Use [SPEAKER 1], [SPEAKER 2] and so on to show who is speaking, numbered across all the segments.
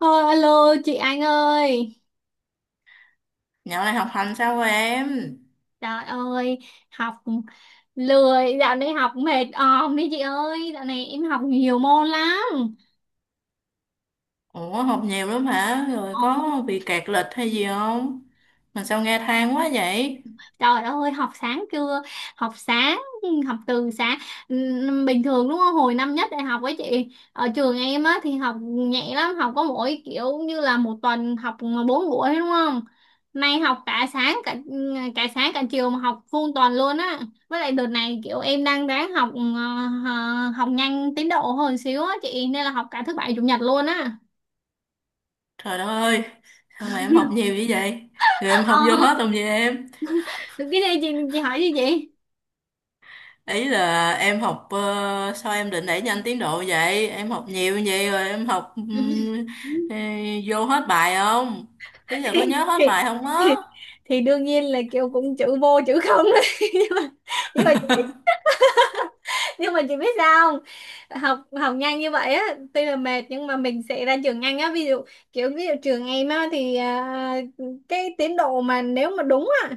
[SPEAKER 1] Thôi, alo chị Anh ơi.
[SPEAKER 2] Dạo này học hành sao rồi em?
[SPEAKER 1] Trời ơi. Học lười. Dạo này học mệt òm đi chị ơi. Dạo này em học nhiều môn lắm.
[SPEAKER 2] Ủa học nhiều lắm hả? Rồi
[SPEAKER 1] Ồ.
[SPEAKER 2] có bị kẹt lịch hay gì không? Mà sao nghe than quá vậy?
[SPEAKER 1] Trời ơi, học sáng chưa? Học sáng, ừ, học từ sáng. Bình thường đúng không? Hồi năm nhất đại học ấy chị, ở trường em á thì học nhẹ lắm, học có mỗi kiểu như là một tuần học bốn buổi đúng không? Nay học cả sáng cả chiều mà học full tuần luôn á. Với lại đợt này kiểu em đang ráng học học nhanh tiến độ hơn xíu á chị, nên là học cả thứ bảy chủ nhật luôn á.
[SPEAKER 2] Trời đất ơi, sao mà em học nhiều như vậy? Rồi em
[SPEAKER 1] Ờ,
[SPEAKER 2] học vô hết không vậy em?
[SPEAKER 1] cái này chị hỏi gì chị?
[SPEAKER 2] Ý là em học, sao em định đẩy nhanh tiến độ vậy? Em học nhiều như vậy rồi em học ừ, vô hết bài không? Ý là có
[SPEAKER 1] thì,
[SPEAKER 2] nhớ hết bài không á?
[SPEAKER 1] thì, thì đương nhiên là kiểu cũng chữ vô chữ không đấy. nhưng mà nhưng mà nhưng mà chị biết sao không? Học học nhanh như vậy á tuy là mệt nhưng mà mình sẽ ra trường nhanh á. Ví dụ kiểu ví dụ trường em á thì cái tiến độ mà nếu mà đúng á,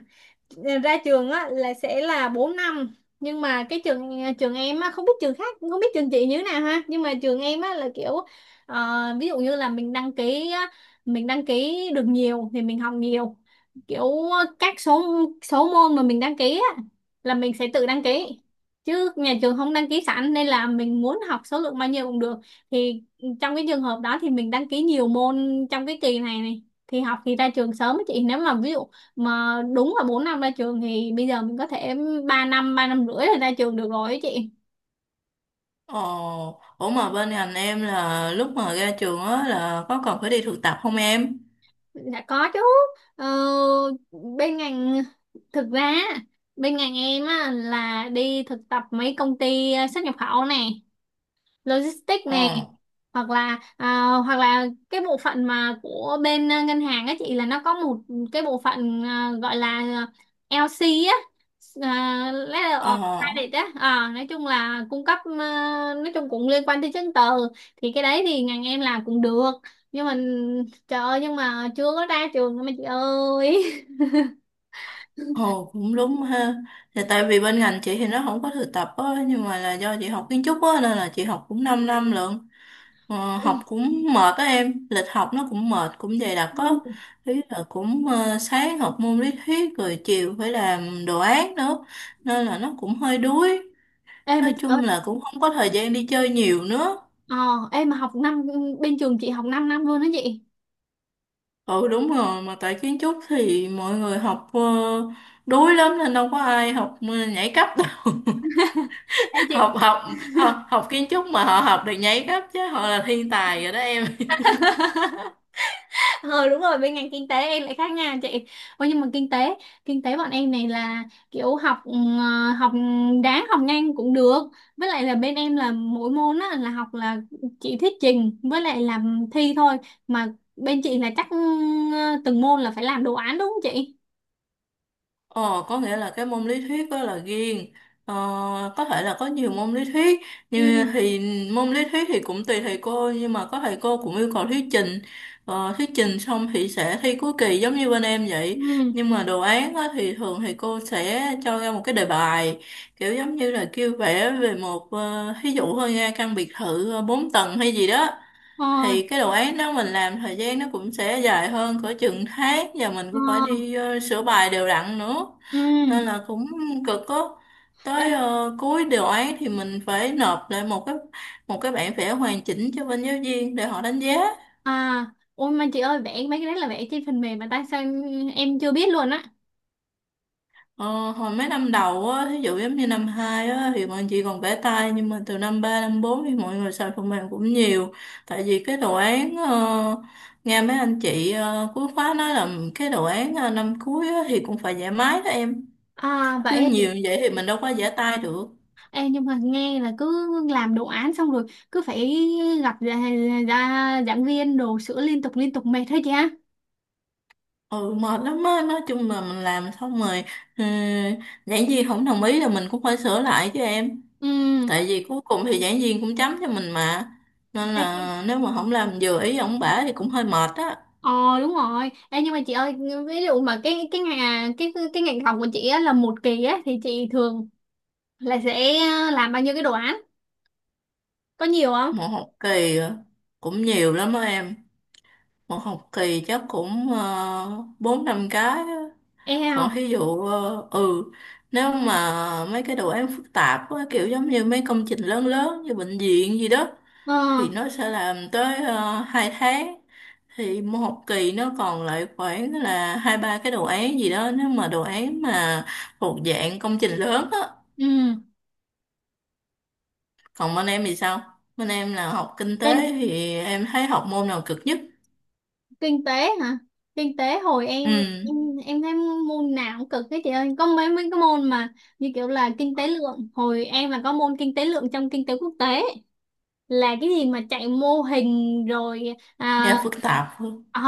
[SPEAKER 1] ra trường á là sẽ là 4 năm, nhưng mà cái trường trường em á, không biết trường khác, không biết trường chị như thế nào ha, nhưng mà trường em á là kiểu ví dụ như là mình đăng ký á, mình đăng ký được nhiều thì mình học nhiều, kiểu các số số môn mà mình đăng ký á là mình sẽ tự đăng ký chứ nhà trường không đăng ký sẵn, nên là mình muốn học số lượng bao nhiêu cũng được, thì trong cái trường hợp đó thì mình đăng ký nhiều môn trong cái kỳ này này, thì học thì ra trường sớm á chị. Nếu mà ví dụ mà đúng là 4 năm ra trường thì bây giờ mình có thể 3 năm, 3 năm rưỡi là ra trường được rồi ấy chị.
[SPEAKER 2] Ồ, ủa mà bên ngành em là lúc mà ra trường á là có còn phải đi thực tập không em?
[SPEAKER 1] Dạ có chứ. Ờ, bên ngành, thực ra bên ngành em á, là đi thực tập mấy công ty xuất nhập khẩu nè, logistics này,
[SPEAKER 2] Ờ.
[SPEAKER 1] hoặc là cái bộ phận mà của bên ngân hàng á chị, là nó có một cái bộ phận gọi là LC á, Letter of
[SPEAKER 2] Ờ,
[SPEAKER 1] Credit á. Ờ, nói chung là cung cấp, nói chung cũng liên quan tới chứng từ, thì cái đấy thì ngành em làm cũng được, nhưng mà trời ơi, nhưng mà chưa có ra trường mà chị ơi.
[SPEAKER 2] ồ cũng đúng ha. Thì tại vì bên ngành chị thì nó không có thực tập á, nhưng mà là do chị học kiến trúc á, nên là chị học cũng 5 năm lận. Ờ, học cũng mệt á em, lịch học nó cũng mệt, cũng dày đặc á. Ý là cũng sáng học môn lý thuyết rồi chiều phải làm đồ án nữa. Nên là nó cũng hơi đuối.
[SPEAKER 1] Ê mà
[SPEAKER 2] Nói
[SPEAKER 1] chị
[SPEAKER 2] chung
[SPEAKER 1] ơi,
[SPEAKER 2] là cũng không có thời gian đi chơi nhiều nữa.
[SPEAKER 1] ờ, em mà học năm, bên trường chị học 5 năm năm luôn đó chị.
[SPEAKER 2] Ừ đúng rồi, mà tại kiến trúc thì mọi người học đuối lắm nên đâu có ai học nhảy cấp đâu.
[SPEAKER 1] Ê chị,
[SPEAKER 2] học học học học kiến trúc mà họ học được nhảy cấp chứ họ là thiên tài rồi đó em
[SPEAKER 1] ờ đúng rồi, bên ngành kinh tế em lại khác nha chị. Ôi nhưng mà kinh tế bọn em này là kiểu học, đáng học nhanh cũng được. Với lại là bên em là mỗi môn á là chỉ thuyết trình với lại làm thi thôi, mà bên chị là chắc ừ, từng môn là phải làm đồ án đúng không chị?
[SPEAKER 2] Ồ, có nghĩa là cái môn lý thuyết đó là riêng. Ờ, có thể là có nhiều môn lý thuyết
[SPEAKER 1] Ừ.
[SPEAKER 2] thì môn lý thuyết thì cũng tùy thầy cô nhưng mà có thầy cô cũng yêu cầu thuyết trình, thuyết trình xong thì sẽ thi cuối kỳ giống như bên em vậy.
[SPEAKER 1] Ừ.
[SPEAKER 2] Nhưng mà đồ án á, thì thường thầy cô sẽ cho ra một cái đề bài kiểu giống như là kêu vẽ về một thí dụ thôi nha căn biệt thự bốn tầng hay gì đó.
[SPEAKER 1] Ờ.
[SPEAKER 2] Thì cái đồ án đó mình làm thời gian nó cũng sẽ dài hơn cỡ chừng tháng và mình cũng phải
[SPEAKER 1] Ờ.
[SPEAKER 2] đi sửa bài đều đặn nữa,
[SPEAKER 1] Ừ.
[SPEAKER 2] nên là cũng cực á. Tới
[SPEAKER 1] Đây.
[SPEAKER 2] cuối đồ án thì mình phải nộp lại một cái bản vẽ hoàn chỉnh cho bên giáo viên để họ đánh giá.
[SPEAKER 1] À, ôi mà chị ơi, vẽ mấy cái đấy là vẽ trên phần mềm mà tại sao em chưa biết luôn á?
[SPEAKER 2] Ờ, hồi mấy năm đầu á, ví dụ giống như năm 2 á, thì mọi người chỉ còn vẽ tay nhưng mà từ năm 3 năm 4 thì mọi người xài phần mềm cũng nhiều, tại vì cái đồ án nghe mấy anh chị cuối khóa nói là cái đồ án năm cuối á, thì cũng phải vẽ máy đó em,
[SPEAKER 1] À
[SPEAKER 2] chứ
[SPEAKER 1] vậy.
[SPEAKER 2] nhiều như vậy thì mình đâu có vẽ tay được.
[SPEAKER 1] Ê, nhưng mà nghe là cứ làm đồ án xong rồi cứ phải gặp ra giảng viên đồ sửa liên tục mệt hết chị ha?
[SPEAKER 2] Ừ mệt lắm á, nói chung là mình làm xong rồi, ừ, giảng viên không đồng ý là mình cũng phải sửa lại chứ em,
[SPEAKER 1] Ừ.
[SPEAKER 2] tại vì cuối cùng thì giảng viên cũng chấm cho mình mà, nên
[SPEAKER 1] Ê,
[SPEAKER 2] là nếu mà không làm vừa ý ổng bả thì cũng hơi mệt á.
[SPEAKER 1] ờ đúng rồi. Ê, nhưng mà chị ơi, ví dụ mà cái ngành học của chị á, là một kỳ á thì chị thường là sẽ làm bao nhiêu cái đồ án, có nhiều không?
[SPEAKER 2] Một học kỳ cũng nhiều lắm đó em, một học kỳ chắc cũng bốn năm cái á.
[SPEAKER 1] E
[SPEAKER 2] Còn
[SPEAKER 1] không.
[SPEAKER 2] thí dụ nếu mà mấy cái đồ án phức tạp á, kiểu giống như mấy công trình lớn lớn như bệnh viện gì đó
[SPEAKER 1] Ờ.
[SPEAKER 2] thì nó sẽ làm tới 2 tháng, thì một học kỳ nó còn lại khoảng là hai ba cái đồ án gì đó nếu mà đồ án mà thuộc dạng công trình lớn á. Còn bên em thì sao? Bên em là học kinh
[SPEAKER 1] Ừ.
[SPEAKER 2] tế thì em thấy học môn nào cực nhất?
[SPEAKER 1] Kinh tế hả? Kinh tế, hồi
[SPEAKER 2] Ừ,
[SPEAKER 1] em em em thấy môn nào cũng cực hết chị ơi, có mấy mấy cái môn mà như kiểu là kinh tế lượng, hồi em là có môn kinh tế lượng trong kinh tế quốc tế, là cái gì mà chạy mô hình rồi,
[SPEAKER 2] nghe phức tạp hơn.
[SPEAKER 1] ờ,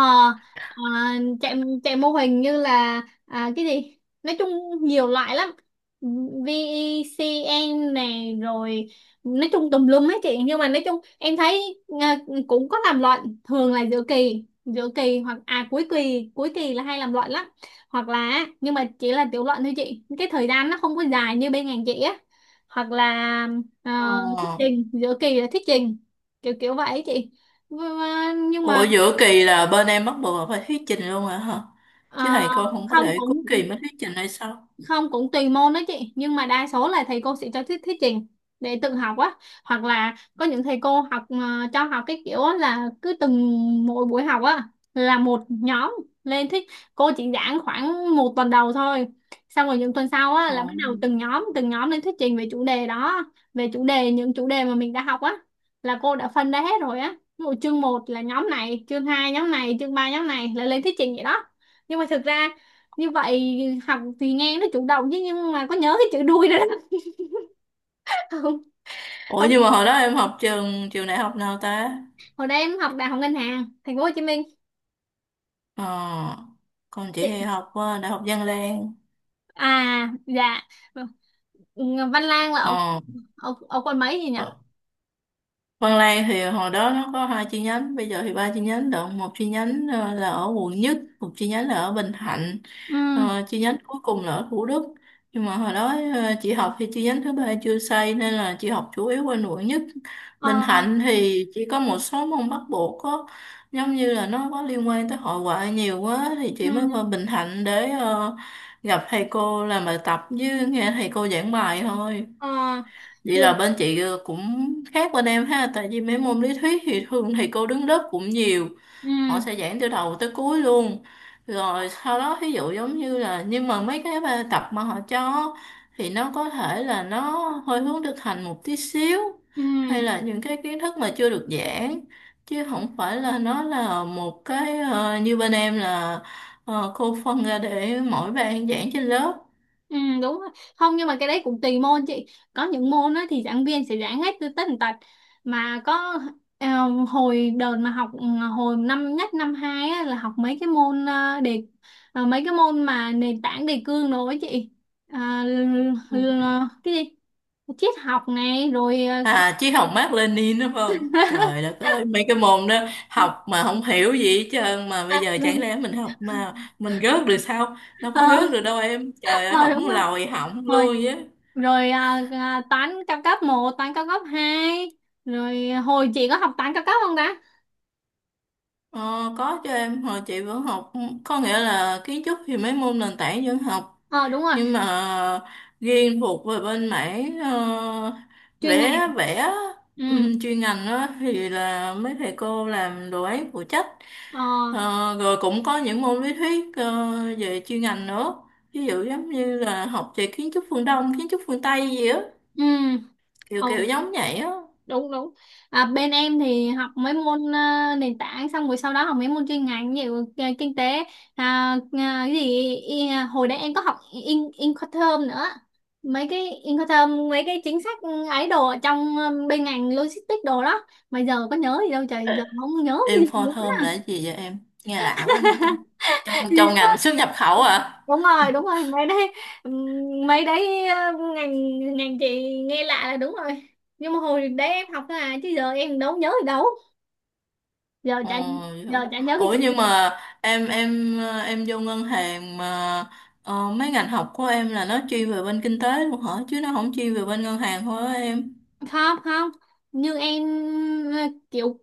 [SPEAKER 1] ờ, chạy chạy mô hình như là cái gì, nói chung nhiều loại lắm, VECN này rồi, nói chung tùm lum hết chị. Nhưng mà nói chung em thấy cũng có làm luận, thường là giữa kỳ, hoặc cuối kỳ, là hay làm luận lắm. Hoặc là, nhưng mà chỉ là tiểu luận thôi chị, cái thời gian nó không có dài như bên ngành chị á. Hoặc là, ờ, thuyết
[SPEAKER 2] Ờ.
[SPEAKER 1] trình giữa kỳ là thuyết trình, kiểu kiểu vậy chị. nhưng mà nhưng
[SPEAKER 2] Ủa
[SPEAKER 1] mà,
[SPEAKER 2] giữa kỳ là bên em bắt buộc là phải thuyết trình luôn hả hả? Chứ
[SPEAKER 1] ờ,
[SPEAKER 2] thầy cô không có
[SPEAKER 1] không
[SPEAKER 2] để cuối
[SPEAKER 1] cũng
[SPEAKER 2] kỳ mới thuyết trình hay sao?
[SPEAKER 1] không cũng tùy môn đó chị, nhưng mà đa số là thầy cô sẽ cho thuyết thuyết trình để tự học á. Hoặc là có những thầy cô cho học cái kiểu á là cứ từng mỗi buổi học á là một nhóm lên thuyết, cô chỉ giảng khoảng một tuần đầu thôi, xong rồi những tuần sau á là
[SPEAKER 2] Ờ.
[SPEAKER 1] bắt đầu từng nhóm lên thuyết trình về chủ đề đó, về chủ đề, những chủ đề mà mình đã học á, là cô đã phân ra hết rồi á. Ví dụ chương một là nhóm này, chương 2 nhóm này, chương 3 nhóm này là lên thuyết trình vậy đó. Nhưng mà thực ra như vậy học thì nghe nó chủ động chứ, nhưng mà có nhớ cái chữ đuôi đó đó. không.
[SPEAKER 2] Ủa
[SPEAKER 1] Không,
[SPEAKER 2] nhưng mà hồi đó em học trường trường đại học nào ta?
[SPEAKER 1] hồi đây em học đại học ngân hàng thành phố Hồ Chí Minh.
[SPEAKER 2] Ờ, còn chị thì
[SPEAKER 1] Chị-
[SPEAKER 2] học Đại học Văn Lang.
[SPEAKER 1] À dạ, Văn Lang là ở
[SPEAKER 2] Ờ,
[SPEAKER 1] ở, ở quận mấy gì nhỉ?
[SPEAKER 2] ờ, Văn Lang thì hồi đó nó có hai chi nhánh, bây giờ thì ba chi nhánh được. Một chi nhánh là ở quận nhất, một chi nhánh là ở Bình Thạnh.
[SPEAKER 1] Ừ.
[SPEAKER 2] Ờ, chi nhánh cuối cùng là ở Thủ Đức, nhưng mà hồi đó chị học thì chi nhánh thứ ba chưa xây nên là chị học chủ yếu ở quận nhất.
[SPEAKER 1] Ờ.
[SPEAKER 2] Bình Thạnh thì chỉ có một số môn bắt buộc có giống như là nó có liên quan tới hội họa nhiều quá thì chị mới
[SPEAKER 1] Ừ.
[SPEAKER 2] qua Bình Thạnh để gặp thầy cô làm bài tập với nghe thầy cô giảng bài thôi.
[SPEAKER 1] Ờ.
[SPEAKER 2] Vậy là
[SPEAKER 1] Trường.
[SPEAKER 2] bên chị cũng khác bên em ha, tại vì mấy môn lý thuyết thì thường thầy cô đứng lớp cũng nhiều,
[SPEAKER 1] Ừ.
[SPEAKER 2] họ sẽ giảng từ đầu tới cuối luôn, rồi sau đó ví dụ giống như là nhưng mà mấy cái bài tập mà họ cho thì nó có thể là nó hơi hướng thực hành một tí xíu,
[SPEAKER 1] Ừ.
[SPEAKER 2] hay là những cái kiến thức mà chưa được giảng, chứ không phải là nó là một cái như bên em là cô phân ra để mỗi bạn giảng trên lớp.
[SPEAKER 1] Ừ, đúng rồi. Không, nhưng mà cái đấy cũng tùy môn chị. Có những môn á thì giảng viên sẽ giảng hết từ tất tần tật, mà có ờ, hồi đợt mà học hồi năm nhất năm hai á, là học mấy cái môn mà nền tảng đề cương đồ ấy chị. À, cái gì? Triết học này rồi ờ.
[SPEAKER 2] À, chứ học Mác Lênin đúng không? Trời đất ơi, mấy cái môn đó học mà không hiểu gì hết trơn mà bây giờ
[SPEAKER 1] rồi
[SPEAKER 2] chẳng lẽ mình học mà mình gớt được sao? Đâu
[SPEAKER 1] ờ,
[SPEAKER 2] có gớt được đâu em. Trời ơi,
[SPEAKER 1] ờ,
[SPEAKER 2] học
[SPEAKER 1] đúng rồi.
[SPEAKER 2] lòi hỏng
[SPEAKER 1] Rồi
[SPEAKER 2] luôn chứ.
[SPEAKER 1] rồi toán cao cấp một, toán cao cấp hai. Rồi hồi chị có học toán cao cấp không ta?
[SPEAKER 2] Ờ, có cho em hồi chị vẫn học, có nghĩa là kiến trúc thì mấy môn nền tảng vẫn học,
[SPEAKER 1] Ờ đúng rồi.
[SPEAKER 2] nhưng mà riêng thuộc về bên mảng
[SPEAKER 1] Chuyên ngành.
[SPEAKER 2] vẽ vẽ
[SPEAKER 1] Ừ.
[SPEAKER 2] chuyên ngành đó thì là mấy thầy cô làm đồ án phụ trách.
[SPEAKER 1] Ờ.
[SPEAKER 2] Ờ, rồi cũng có những môn lý thuyết về chuyên ngành nữa, ví dụ giống như là học về kiến trúc phương Đông kiến trúc phương Tây gì á,
[SPEAKER 1] Ừ.
[SPEAKER 2] kiểu
[SPEAKER 1] Ồ.
[SPEAKER 2] kiểu giống vậy á.
[SPEAKER 1] Đúng đúng. À, bên em thì học mấy môn nền tảng, xong rồi sau đó học mấy môn chuyên ngành như kinh tế. Cái gì hồi đấy em có học Incoterm nữa, mấy cái Incoterm, mấy cái chính sách ấy đồ ở trong bên ngành logistics đồ đó, mà giờ có nhớ gì đâu trời,
[SPEAKER 2] Ờ,
[SPEAKER 1] giờ không nhớ cái gì
[SPEAKER 2] Inform thơm là cái gì vậy em? Nghe lão quá vậy ta, trong trong
[SPEAKER 1] nữa.
[SPEAKER 2] ngành xuất nhập khẩu à?
[SPEAKER 1] đúng rồi, đúng rồi, mấy đấy. Ừm, mấy đấy ờ, ngành ngành chị nghe lạ là đúng rồi, nhưng mà hồi đấy em học thôi à chứ giờ em đâu nhớ gì đâu. giờ
[SPEAKER 2] Ồ,
[SPEAKER 1] chả
[SPEAKER 2] vậy hả?
[SPEAKER 1] giờ chả nhớ cái
[SPEAKER 2] Ủa
[SPEAKER 1] chuyện đó.
[SPEAKER 2] nhưng mà em vô ngân hàng mà, mấy ngành học của em là nó chuyên về bên kinh tế luôn hả? Chứ nó không chuyên về bên ngân hàng thôi á em.
[SPEAKER 1] Không. Không, như em ờ, kiểu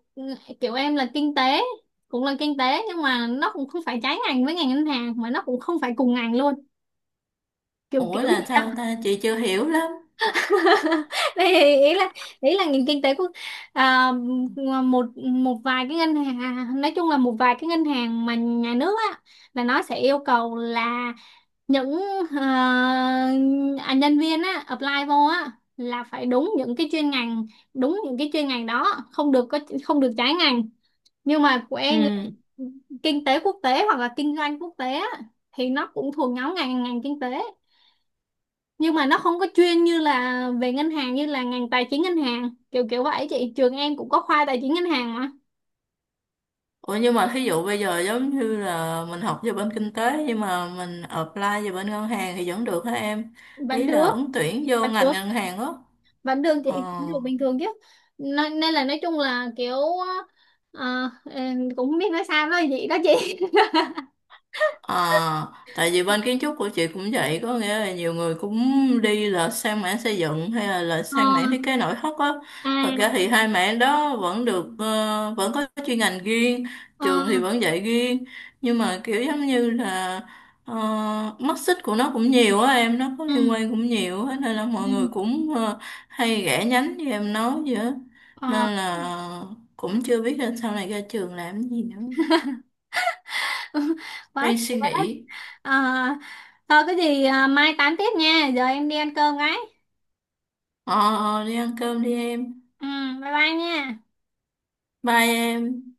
[SPEAKER 1] kiểu em là kinh tế, cũng là kinh tế nhưng mà nó cũng không phải trái ngành với ngành ngân hàng mà nó cũng không phải cùng ngành luôn, kiểu
[SPEAKER 2] Ủa
[SPEAKER 1] kiểu gì.
[SPEAKER 2] là sao ta? Chị chưa hiểu lắm.
[SPEAKER 1] Đây, ý là nền kinh tế của à, một một vài cái ngân hàng, nói chung là một vài cái ngân hàng mà nhà nước á là nó sẽ yêu cầu là những ờ, nhân viên á apply vô á là phải đúng những cái chuyên ngành, đúng những cái chuyên ngành đó, không được có, không được trái ngành, nhưng mà của
[SPEAKER 2] Ừ.
[SPEAKER 1] em là kinh tế quốc tế hoặc là kinh doanh quốc tế á, thì nó cũng thuộc nhóm ngành ngành kinh tế, nhưng mà nó không có chuyên như là về ngân hàng, như là ngành tài chính ngân hàng, kiểu kiểu vậy chị, trường em cũng có khoa tài chính ngân hàng mà.
[SPEAKER 2] Ủa nhưng mà thí dụ bây giờ giống như là mình học về bên kinh tế nhưng mà mình apply về bên ngân hàng thì vẫn được hả em?
[SPEAKER 1] Vẫn
[SPEAKER 2] Ý là
[SPEAKER 1] được.
[SPEAKER 2] ứng tuyển vô
[SPEAKER 1] Vẫn
[SPEAKER 2] ngành
[SPEAKER 1] được,
[SPEAKER 2] ngân hàng á.
[SPEAKER 1] vẫn được chị.
[SPEAKER 2] Ờ.
[SPEAKER 1] Vẫn được bình thường chứ, nên, là nói chung là kiểu em cũng không biết nói sao, nói gì đó chị.
[SPEAKER 2] À, tại vì bên kiến trúc của chị cũng vậy, có nghĩa là nhiều người cũng đi là sang mảng xây dựng hay là
[SPEAKER 1] ờ.
[SPEAKER 2] sang mảng thiết kế nội thất á. Thật ra
[SPEAKER 1] À.
[SPEAKER 2] thì hai mảng đó vẫn được, vẫn có chuyên ngành riêng,
[SPEAKER 1] Ờ.
[SPEAKER 2] trường thì vẫn dạy riêng, nhưng mà kiểu giống như là mắt xích của nó cũng nhiều á em, nó có liên
[SPEAKER 1] Ừ.
[SPEAKER 2] quan cũng nhiều á, nên là mọi người
[SPEAKER 1] Ừ.
[SPEAKER 2] cũng hay rẽ nhánh như em nói vậy á.
[SPEAKER 1] Ờ.
[SPEAKER 2] Nên là cũng chưa biết là sau này ra trường làm gì nữa.
[SPEAKER 1] quá
[SPEAKER 2] Đang
[SPEAKER 1] trời
[SPEAKER 2] suy
[SPEAKER 1] quá đất.
[SPEAKER 2] nghĩ.
[SPEAKER 1] Ờ thôi, cái gì mai tám tiếp nha, giờ em đi ăn cơm cái.
[SPEAKER 2] Ờ, ờ, đi ăn cơm đi em.
[SPEAKER 1] Ừ. Bye bye nha.
[SPEAKER 2] Bye em.